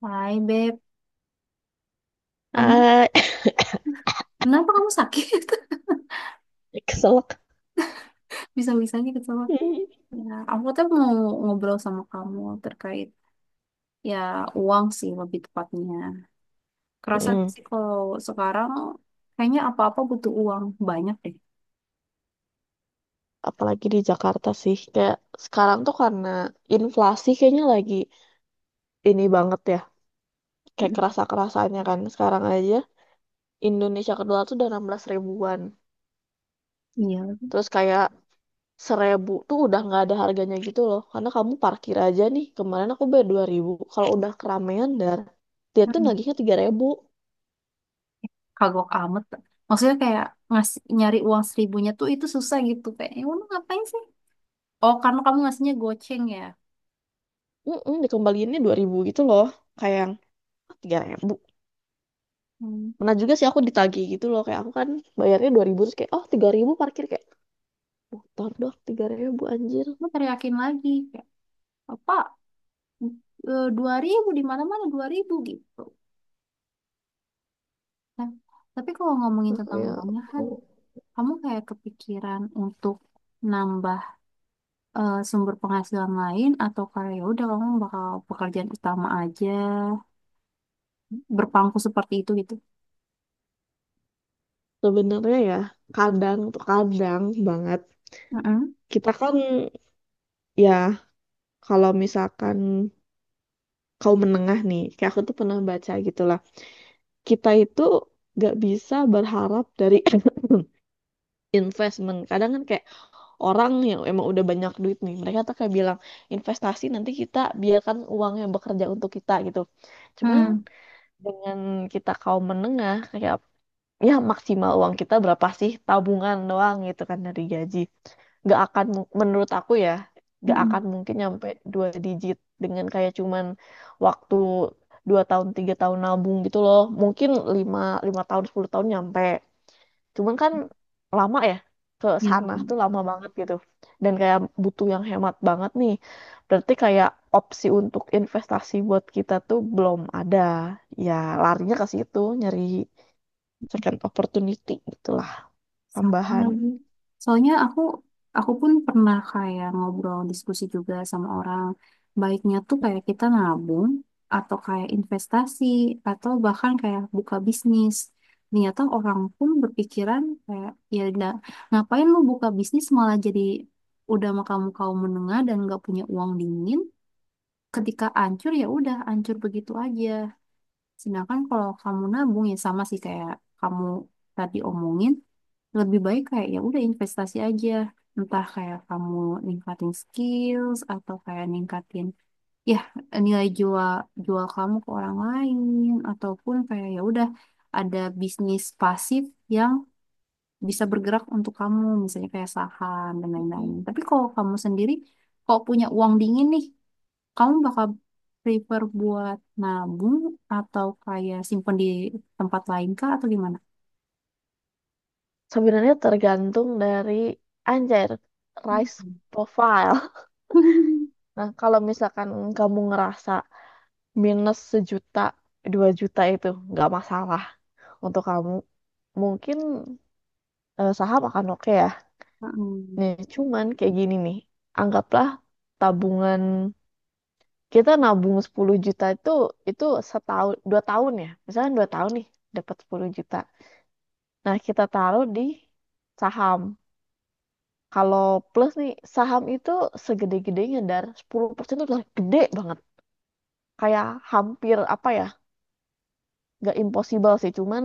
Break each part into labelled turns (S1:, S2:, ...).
S1: Hai Beb, kamu
S2: Ah,
S1: kenapa kamu sakit?
S2: keselak.
S1: Bisa-bisanya kecewa. Ya, aku tuh mau ngobrol sama kamu terkait, ya, uang sih lebih tepatnya. Kerasa
S2: Mm.
S1: sih kalau sekarang kayaknya apa-apa butuh uang banyak deh.
S2: Apalagi di Jakarta sih, kayak sekarang tuh karena inflasi kayaknya lagi ini banget ya, kayak
S1: Mm-mm.
S2: kerasa-kerasanya kan. Sekarang aja Indonesia kedua tuh udah 16 ribuan.
S1: Iya.
S2: Terus kayak 1.000 tuh udah nggak ada harganya gitu loh. Karena kamu parkir aja nih, kemarin aku bayar 2.000. Kalau udah keramaian dar, dia tuh
S1: Mm.
S2: nagihnya 3.000.
S1: Kagok amat. Maksudnya kayak ngasih nyari uang seribunya tuh itu susah gitu kayak, ya udah ngapain sih? Oh, karena kamu ngasihnya goceng ya.
S2: Mm-mm, dikembaliinnya 2.000 gitu loh. Kayak yang, "Ah, 3.000."
S1: Hmm.
S2: Pernah juga sih aku ditagih gitu loh, kayak aku kan bayarnya 2.000, terus kayak oh 3.000 parkir, kayak motor dong 3.000 anjir.
S1: Kamu teriakin lagi kayak apa? Dua ribu di mana-mana dua ribu gitu. Nah, tapi kalau ngomongin
S2: Nah
S1: tentang
S2: kayak
S1: uangnya kan,
S2: oh,
S1: kamu kayak kepikiran untuk nambah sumber penghasilan lain atau kayak "Ya udah kamu bakal pekerjaan utama aja berpangku seperti itu gitu.
S2: sebenarnya ya kadang tuh kadang banget
S1: Mm-mm.
S2: kita kan, ya kalau misalkan kaum menengah nih, kayak aku tuh pernah baca gitu lah, kita itu gak bisa berharap dari investment. Kadang kan kayak orang yang emang udah banyak duit nih, mereka tuh kayak bilang investasi nanti kita biarkan uangnya bekerja untuk kita gitu. Cuman
S1: Hmm.
S2: dengan kita kaum menengah, kayak ya maksimal uang kita berapa sih, tabungan doang gitu kan dari gaji, gak akan menurut aku ya gak
S1: Mm-mm.
S2: akan mungkin nyampe dua digit dengan kayak cuman waktu 2 tahun 3 tahun nabung gitu loh, mungkin lima, lima tahun, 10 tahun nyampe. Cuman kan lama ya, ke
S1: Ya.
S2: sana tuh lama banget gitu. Dan kayak butuh yang hemat banget nih. Berarti kayak opsi untuk investasi buat kita tuh belum ada. Ya, larinya ke situ, nyari second opportunity gitulah,
S1: Sama
S2: tambahan.
S1: lagi. Soalnya aku pun pernah kayak ngobrol diskusi juga sama orang. Baiknya tuh kayak kita nabung atau kayak investasi atau bahkan kayak buka bisnis. Ternyata orang pun berpikiran kayak ya udah ngapain lu buka bisnis malah jadi udah sama kamu kaum menengah dan nggak punya uang dingin. Ketika ancur ya udah ancur begitu aja. Sedangkan kalau kamu nabung ya sama sih kayak kamu tadi omongin lebih baik kayak ya udah investasi aja, entah kayak kamu ningkatin skills atau kayak ningkatin, ya, nilai jual jual kamu ke orang lain ataupun kayak ya udah ada bisnis pasif yang bisa bergerak untuk kamu misalnya kayak saham dan lain-lain.
S2: Mm.
S1: Tapi kalau kamu sendiri, kalau punya uang dingin nih, kamu bakal prefer buat nabung atau kayak simpen di tempat lain kah atau gimana?
S2: Sebenarnya tergantung dari, anjir, risk
S1: Hmm.
S2: profile. Nah, kalau misalkan kamu ngerasa minus 1 juta, 2 juta itu nggak masalah untuk kamu. Mungkin saham akan oke ya. Nih, cuman kayak gini nih. Anggaplah tabungan kita nabung 10 juta, itu 1 tahun 2 tahun ya. Misalnya 2 tahun nih dapat 10 juta. Nah, kita taruh di saham. Kalau plus nih saham itu segede-gedenya, dar, 10% itu udah gede banget. Kayak hampir apa ya? Gak impossible sih, cuman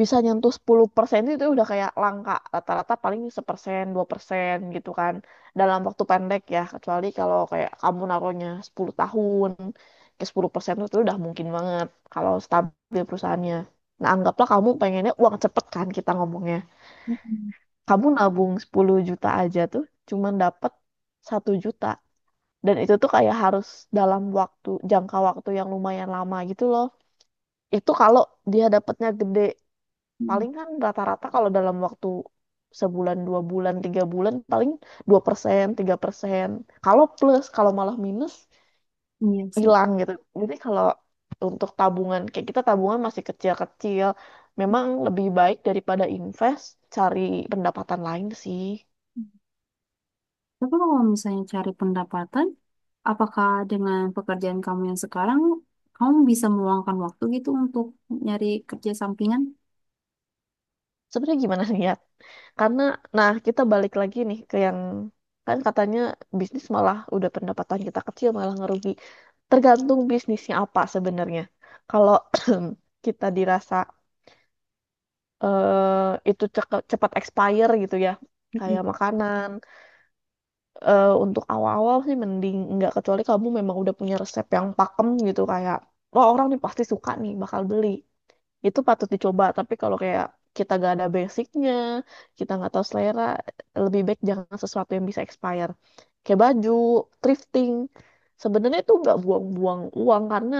S2: bisa nyentuh 10% itu udah kayak langka, rata-rata paling 1%, 2% gitu kan, dalam waktu pendek ya, kecuali kalau kayak kamu naruhnya 10 tahun, ke 10% itu udah mungkin banget kalau stabil perusahaannya. Nah, anggaplah kamu pengennya uang cepet kan, kita ngomongnya
S1: Mm-mm.
S2: kamu nabung 10 juta aja tuh cuman dapet 1 juta, dan itu tuh kayak harus dalam waktu jangka waktu yang lumayan lama gitu loh, itu kalau dia dapetnya gede.
S1: Hmm.
S2: Paling kan rata-rata kalau dalam waktu 1 bulan, 2 bulan, 3 bulan, paling 2% 3%. Kalau plus. Kalau malah minus,
S1: Iya sih.
S2: hilang gitu. Jadi kalau untuk tabungan, kayak kita tabungan masih kecil-kecil, memang lebih baik daripada invest, cari pendapatan lain sih.
S1: Tapi kalau misalnya cari pendapatan, apakah dengan pekerjaan kamu yang sekarang, kamu bisa meluangkan waktu gitu untuk nyari kerja sampingan?
S2: Sebenarnya gimana nih ya? Karena, nah kita balik lagi nih ke yang kan katanya bisnis malah udah pendapatan kita kecil malah ngerugi. Tergantung bisnisnya apa sebenarnya. Kalau kita dirasa itu cepat expire gitu ya, kayak
S1: Mm-mm.
S2: makanan. Untuk awal-awal sih mending nggak, kecuali kamu memang udah punya resep yang pakem gitu, kayak, wah orang nih pasti suka nih bakal beli, itu patut dicoba. Tapi kalau kayak kita gak ada basicnya, kita nggak tahu selera, lebih baik jangan sesuatu yang bisa expire. Kayak baju thrifting, sebenarnya itu nggak buang-buang uang karena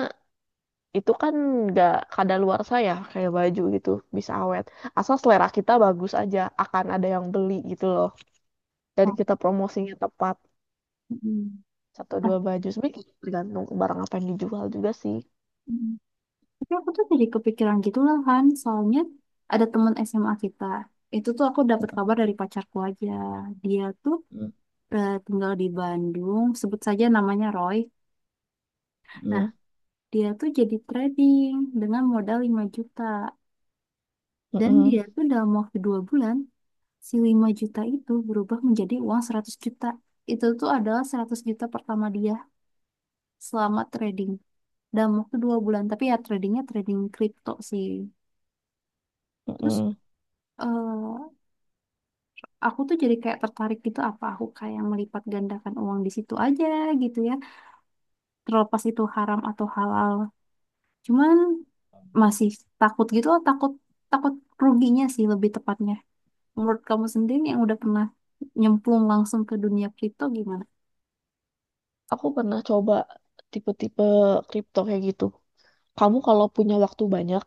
S2: itu kan nggak kadaluarsa ya, kayak baju gitu bisa awet, asal selera kita bagus aja akan ada yang beli gitu loh, dan
S1: Oh,
S2: kita promosinya tepat.
S1: mm.
S2: Satu
S1: Nah,
S2: dua baju, sebenarnya tergantung barang apa yang dijual juga sih.
S1: mm. Tapi aku tuh jadi kepikiran gitu lah kan, soalnya ada teman SMA kita. Itu tuh aku dapat kabar dari pacarku aja. Dia tuh
S2: Mm,
S1: tinggal di Bandung, sebut saja namanya Roy. Nah,
S2: mm,
S1: dia tuh jadi trading dengan modal 5 juta. Dan
S2: mm,
S1: dia tuh dalam waktu dua bulan, si 5 juta itu berubah menjadi uang 100 juta. Itu tuh adalah 100 juta pertama dia selama trading. Dalam waktu dua bulan. Tapi ya tradingnya trading kripto sih.
S2: mm,
S1: Terus
S2: mm.
S1: eh, aku tuh jadi kayak tertarik gitu. Apa aku kayak melipat gandakan uang di situ aja gitu ya. Terlepas itu haram atau halal. Cuman masih takut gitu loh. Takut, takut ruginya sih lebih tepatnya. Menurut kamu sendiri yang udah pernah nyemplung langsung ke dunia kripto gimana?
S2: Aku pernah coba tipe-tipe kripto kayak gitu. Kamu kalau punya waktu banyak,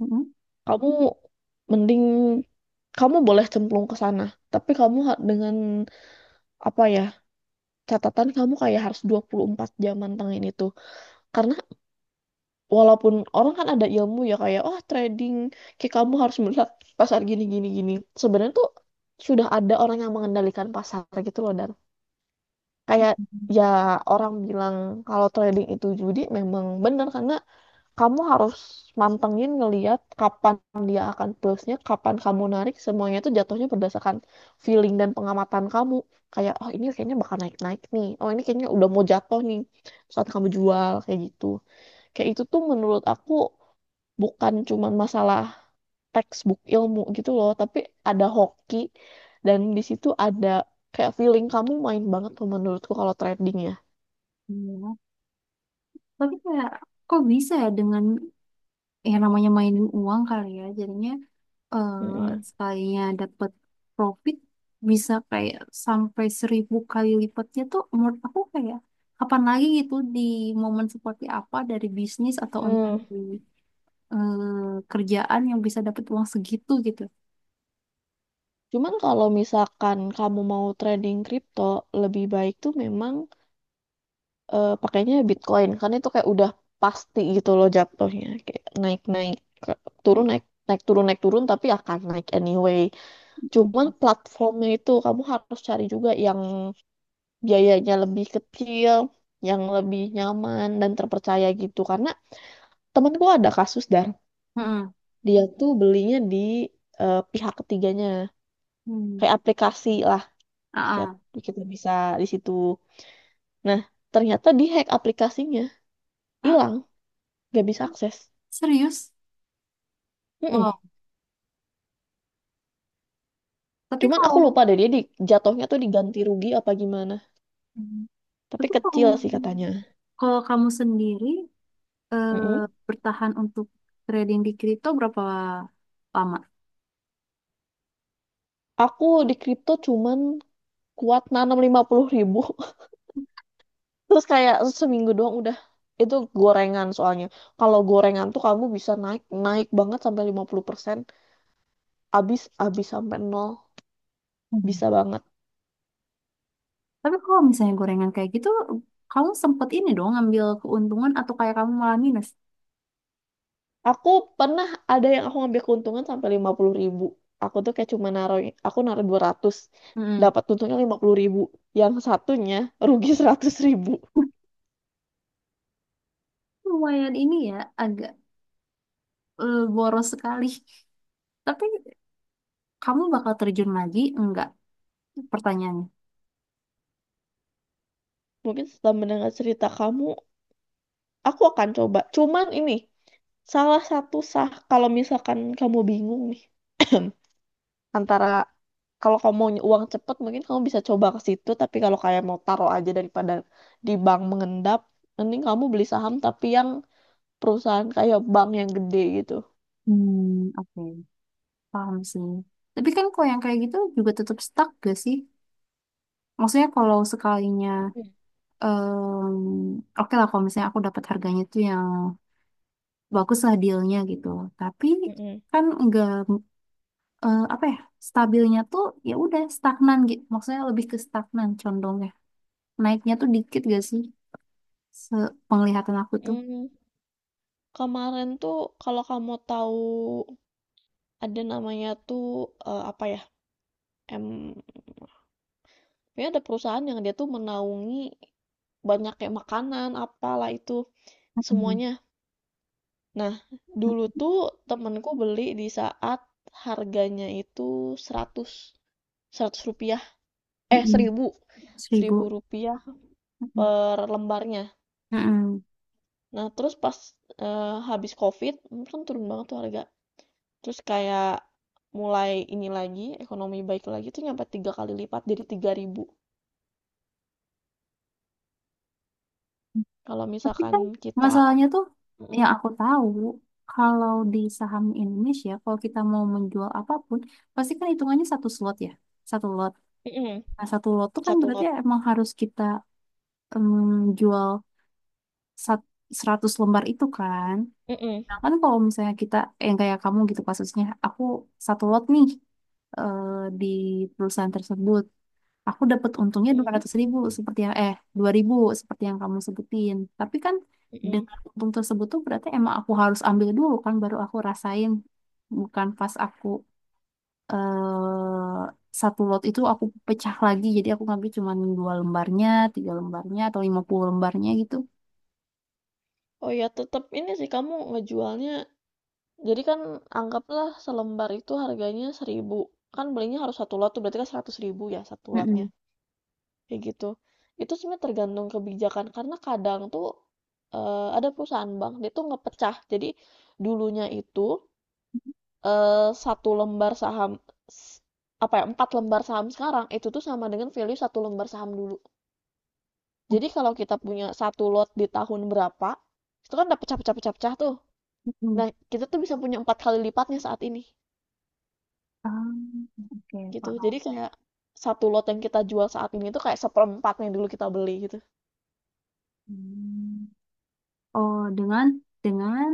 S1: Mm-mm.
S2: kamu mending kamu boleh cemplung ke sana. Tapi kamu dengan apa ya? Catatan kamu kayak harus 24 jam mantengin itu. Karena walaupun orang kan ada ilmu ya, kayak oh trading, kayak kamu harus melihat pasar gini gini gini. Sebenarnya tuh sudah ada orang yang mengendalikan pasar gitu loh, dan kayak, ya, orang bilang kalau trading itu judi memang benar, karena kamu harus mantengin ngeliat kapan dia akan plusnya, kapan kamu narik, semuanya itu jatuhnya berdasarkan feeling dan pengamatan kamu. Kayak, oh ini kayaknya bakal naik-naik nih, oh ini kayaknya udah mau jatuh nih, saat kamu jual, kayak gitu. Kayak itu tuh menurut aku bukan cuman masalah textbook ilmu gitu loh, tapi ada hoki, dan di situ ada kayak feeling kamu main banget tuh menurutku kalau trading ya.
S1: Iya. Tapi kayak kok bisa ya dengan yang namanya mainin uang kali ya jadinya eh,
S2: Mm-mm.
S1: sekalinya dapet profit bisa kayak sampai seribu kali lipatnya tuh menurut aku kayak kapan lagi gitu di momen seperti apa dari bisnis atau entah
S2: Hmm.
S1: di kerjaan yang bisa dapet uang segitu gitu.
S2: Cuman kalau misalkan kamu mau trading kripto, lebih baik tuh memang pakainya Bitcoin. Karena itu kayak udah pasti gitu loh jatuhnya. Kayak naik-naik, turun, naik naik turun, naik turun, tapi akan naik anyway. Cuman
S1: Mm-mm.
S2: platformnya itu kamu harus cari juga yang biayanya lebih kecil, yang lebih nyaman dan terpercaya gitu. Karena temanku ada kasus, dan
S1: Mm-mm.
S2: dia tuh belinya di pihak ketiganya,
S1: Hmm.
S2: kayak aplikasi lah.
S1: Ah,
S2: Kayak
S1: ah.
S2: kita bisa di situ. Nah, ternyata di-hack aplikasinya. Hilang, gak bisa akses.
S1: Serius?
S2: Mm-mm.
S1: Wow. Tapi
S2: Cuman
S1: kalau
S2: aku lupa deh dia di, jatuhnya tuh diganti rugi apa gimana. Tapi
S1: tapi kalau
S2: kecil sih katanya.
S1: kalau kamu sendiri eh,
S2: Mm-mm.
S1: bertahan untuk trading di kripto berapa lama?
S2: Aku di kripto cuman kuat nanam 50 ribu. Terus kayak seminggu doang udah. Itu gorengan soalnya. Kalau gorengan tuh kamu bisa naik naik banget sampai 50%. Abis, abis sampai nol. Bisa
S1: Hmm.
S2: banget.
S1: Tapi kalau misalnya gorengan kayak gitu, kamu sempet ini dong ngambil keuntungan atau kayak kamu malah minus?
S2: Aku pernah ada yang aku ngambil keuntungan sampai 50.000. Aku tuh kayak cuma naruh, aku naruh 200.
S1: Mm-mm.
S2: Dapat untungnya 50.000. Yang satunya rugi 100 ribu.
S1: Lumayan ini ya, agak boros sekali. Tapi kamu bakal terjun lagi? Enggak, pertanyaannya.
S2: Mungkin setelah mendengar cerita kamu, aku akan coba. Cuman ini, salah satu sah kalau misalkan kamu bingung nih. Antara, kalau kamu mau uang cepet mungkin kamu bisa coba ke situ. Tapi kalau kayak mau taruh aja daripada di bank mengendap, mending kamu beli saham tapi yang perusahaan kayak bank yang gede gitu.
S1: Hmm, oke. Paham sih. Tapi kan kalau yang kayak gitu juga tetap stuck gak sih? Maksudnya kalau sekalinya, em, oke lah kalau misalnya aku dapat harganya tuh yang bagus lah dealnya gitu. Tapi
S2: Mhm.
S1: kan nggak, apa ya, stabilnya tuh ya udah stagnan gitu. Maksudnya lebih ke stagnan condongnya. Naiknya tuh dikit gak sih? Sepenglihatan aku tuh.
S2: Mmm, kemarin tuh kalau kamu tahu ada namanya tuh, apa ya, mmm, pokoknya ada perusahaan yang dia tuh menaungi banyak, kayak makanan, apalah itu,
S1: Mm-mm.
S2: semuanya. Nah, dulu tuh, mhm, temenku beli di saat harganya itu seratus, seratus rupiah, eh,
S1: Mm-mm.
S2: seribu, seribu
S1: Seribu.
S2: rupiah
S1: Mm-mm.
S2: per lembarnya.
S1: Mm-mm.
S2: Nah, terus pas, habis Covid, kan turun banget tuh harga. Terus kayak mulai ini lagi, ekonomi baik lagi tuh nyampe tiga kali lipat, jadi 3.000. Kalau
S1: Tapi
S2: misalkan
S1: kan
S2: kita.
S1: masalahnya tuh
S2: Mm-mm.
S1: yang aku tahu kalau di saham Indonesia kalau kita mau menjual apapun pasti kan hitungannya satu slot ya. Satu lot.
S2: Mm-mm.
S1: Nah, satu lot tuh kan
S2: Satu
S1: berarti
S2: lot.
S1: emang harus kita, em, jual sat- 100 lembar itu kan.
S2: Mm-mm.
S1: Nah, kan kalau misalnya kita, yang kayak kamu gitu kasusnya, aku satu lot nih eh, di perusahaan tersebut. Aku dapat untungnya 200
S2: Mm-mm.
S1: ribu seperti yang 2000 seperti yang kamu sebutin. Tapi kan
S2: Mm-mm.
S1: dengan untung tersebut tuh berarti emang aku harus ambil dulu kan baru aku rasain, bukan pas aku, eh satu lot itu aku pecah lagi jadi aku ngambil cuma dua lembarnya, tiga lembarnya atau lima puluh lembarnya gitu.
S2: Oh ya, tetap ini sih kamu ngejualnya. Jadi kan anggaplah selembar itu harganya 1.000. Kan belinya harus satu lot, tuh berarti kan 100.000 ya satu lotnya.
S1: Mm-mm.
S2: Kayak gitu. Itu sebenarnya tergantung kebijakan karena kadang tuh ada perusahaan bank dia tuh ngepecah. Jadi dulunya itu 1 lembar saham apa ya, 4 lembar saham sekarang, itu tuh sama dengan value satu lembar saham dulu. Jadi kalau kita punya satu lot di tahun berapa, itu kan udah pecah pecah pecah tuh.
S1: Mm-mm.
S2: Nah, kita tuh bisa punya 4 kali lipatnya saat ini,
S1: Ah, oke,
S2: gitu.
S1: paham.
S2: Jadi kayak satu lot yang kita jual saat ini itu kayak seperempatnya dulu kita beli, gitu.
S1: Hmm. Oh, dengan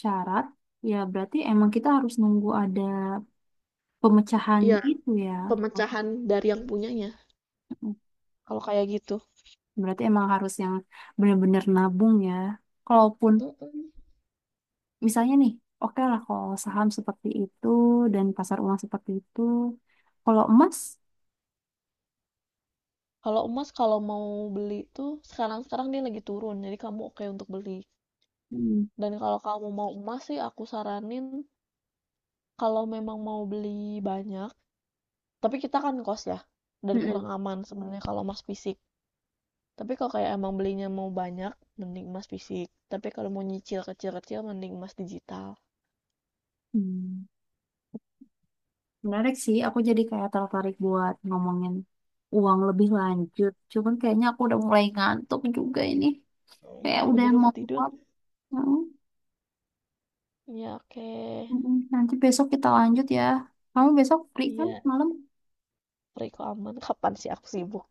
S1: syarat ya, berarti emang kita harus nunggu ada pemecahan
S2: Iya,
S1: itu ya.
S2: pemecahan dari yang punyanya,
S1: Mm-mm.
S2: kalau kayak gitu.
S1: Berarti emang harus yang benar-benar nabung ya. Kalaupun
S2: Mhm.
S1: misalnya nih oke lah kalau saham seperti itu dan pasar uang seperti itu, kalau emas.
S2: Kalau emas, kalau mau beli tuh sekarang-sekarang dia lagi turun, jadi kamu oke untuk beli.
S1: Hmm.
S2: Dan kalau kamu mau emas sih aku saranin, kalau memang mau beli banyak, tapi kita kan kos ya, dan
S1: Mm-mm.
S2: kurang aman sebenarnya kalau emas fisik. Tapi kalau kayak emang belinya mau banyak, mending emas fisik. Tapi kalau mau nyicil kecil-kecil, mending emas digital.
S1: Hmm. Menarik sih, aku jadi kayak tertarik buat ngomongin uang lebih lanjut. Cuman kayaknya aku udah mulai ngantuk juga ini.
S2: Iya,
S1: Kayak
S2: aku
S1: udah
S2: juga
S1: mau
S2: mau tidur.
S1: pulang. Hmm.
S2: Iya, oke.
S1: Mm-mm. Nanti besok kita lanjut ya. Kamu besok free kan
S2: Iya,
S1: malam?
S2: Riko aman. Kapan sih aku sibuk?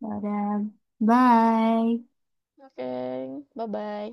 S1: Dadah. Bye.
S2: Oke, bye-bye.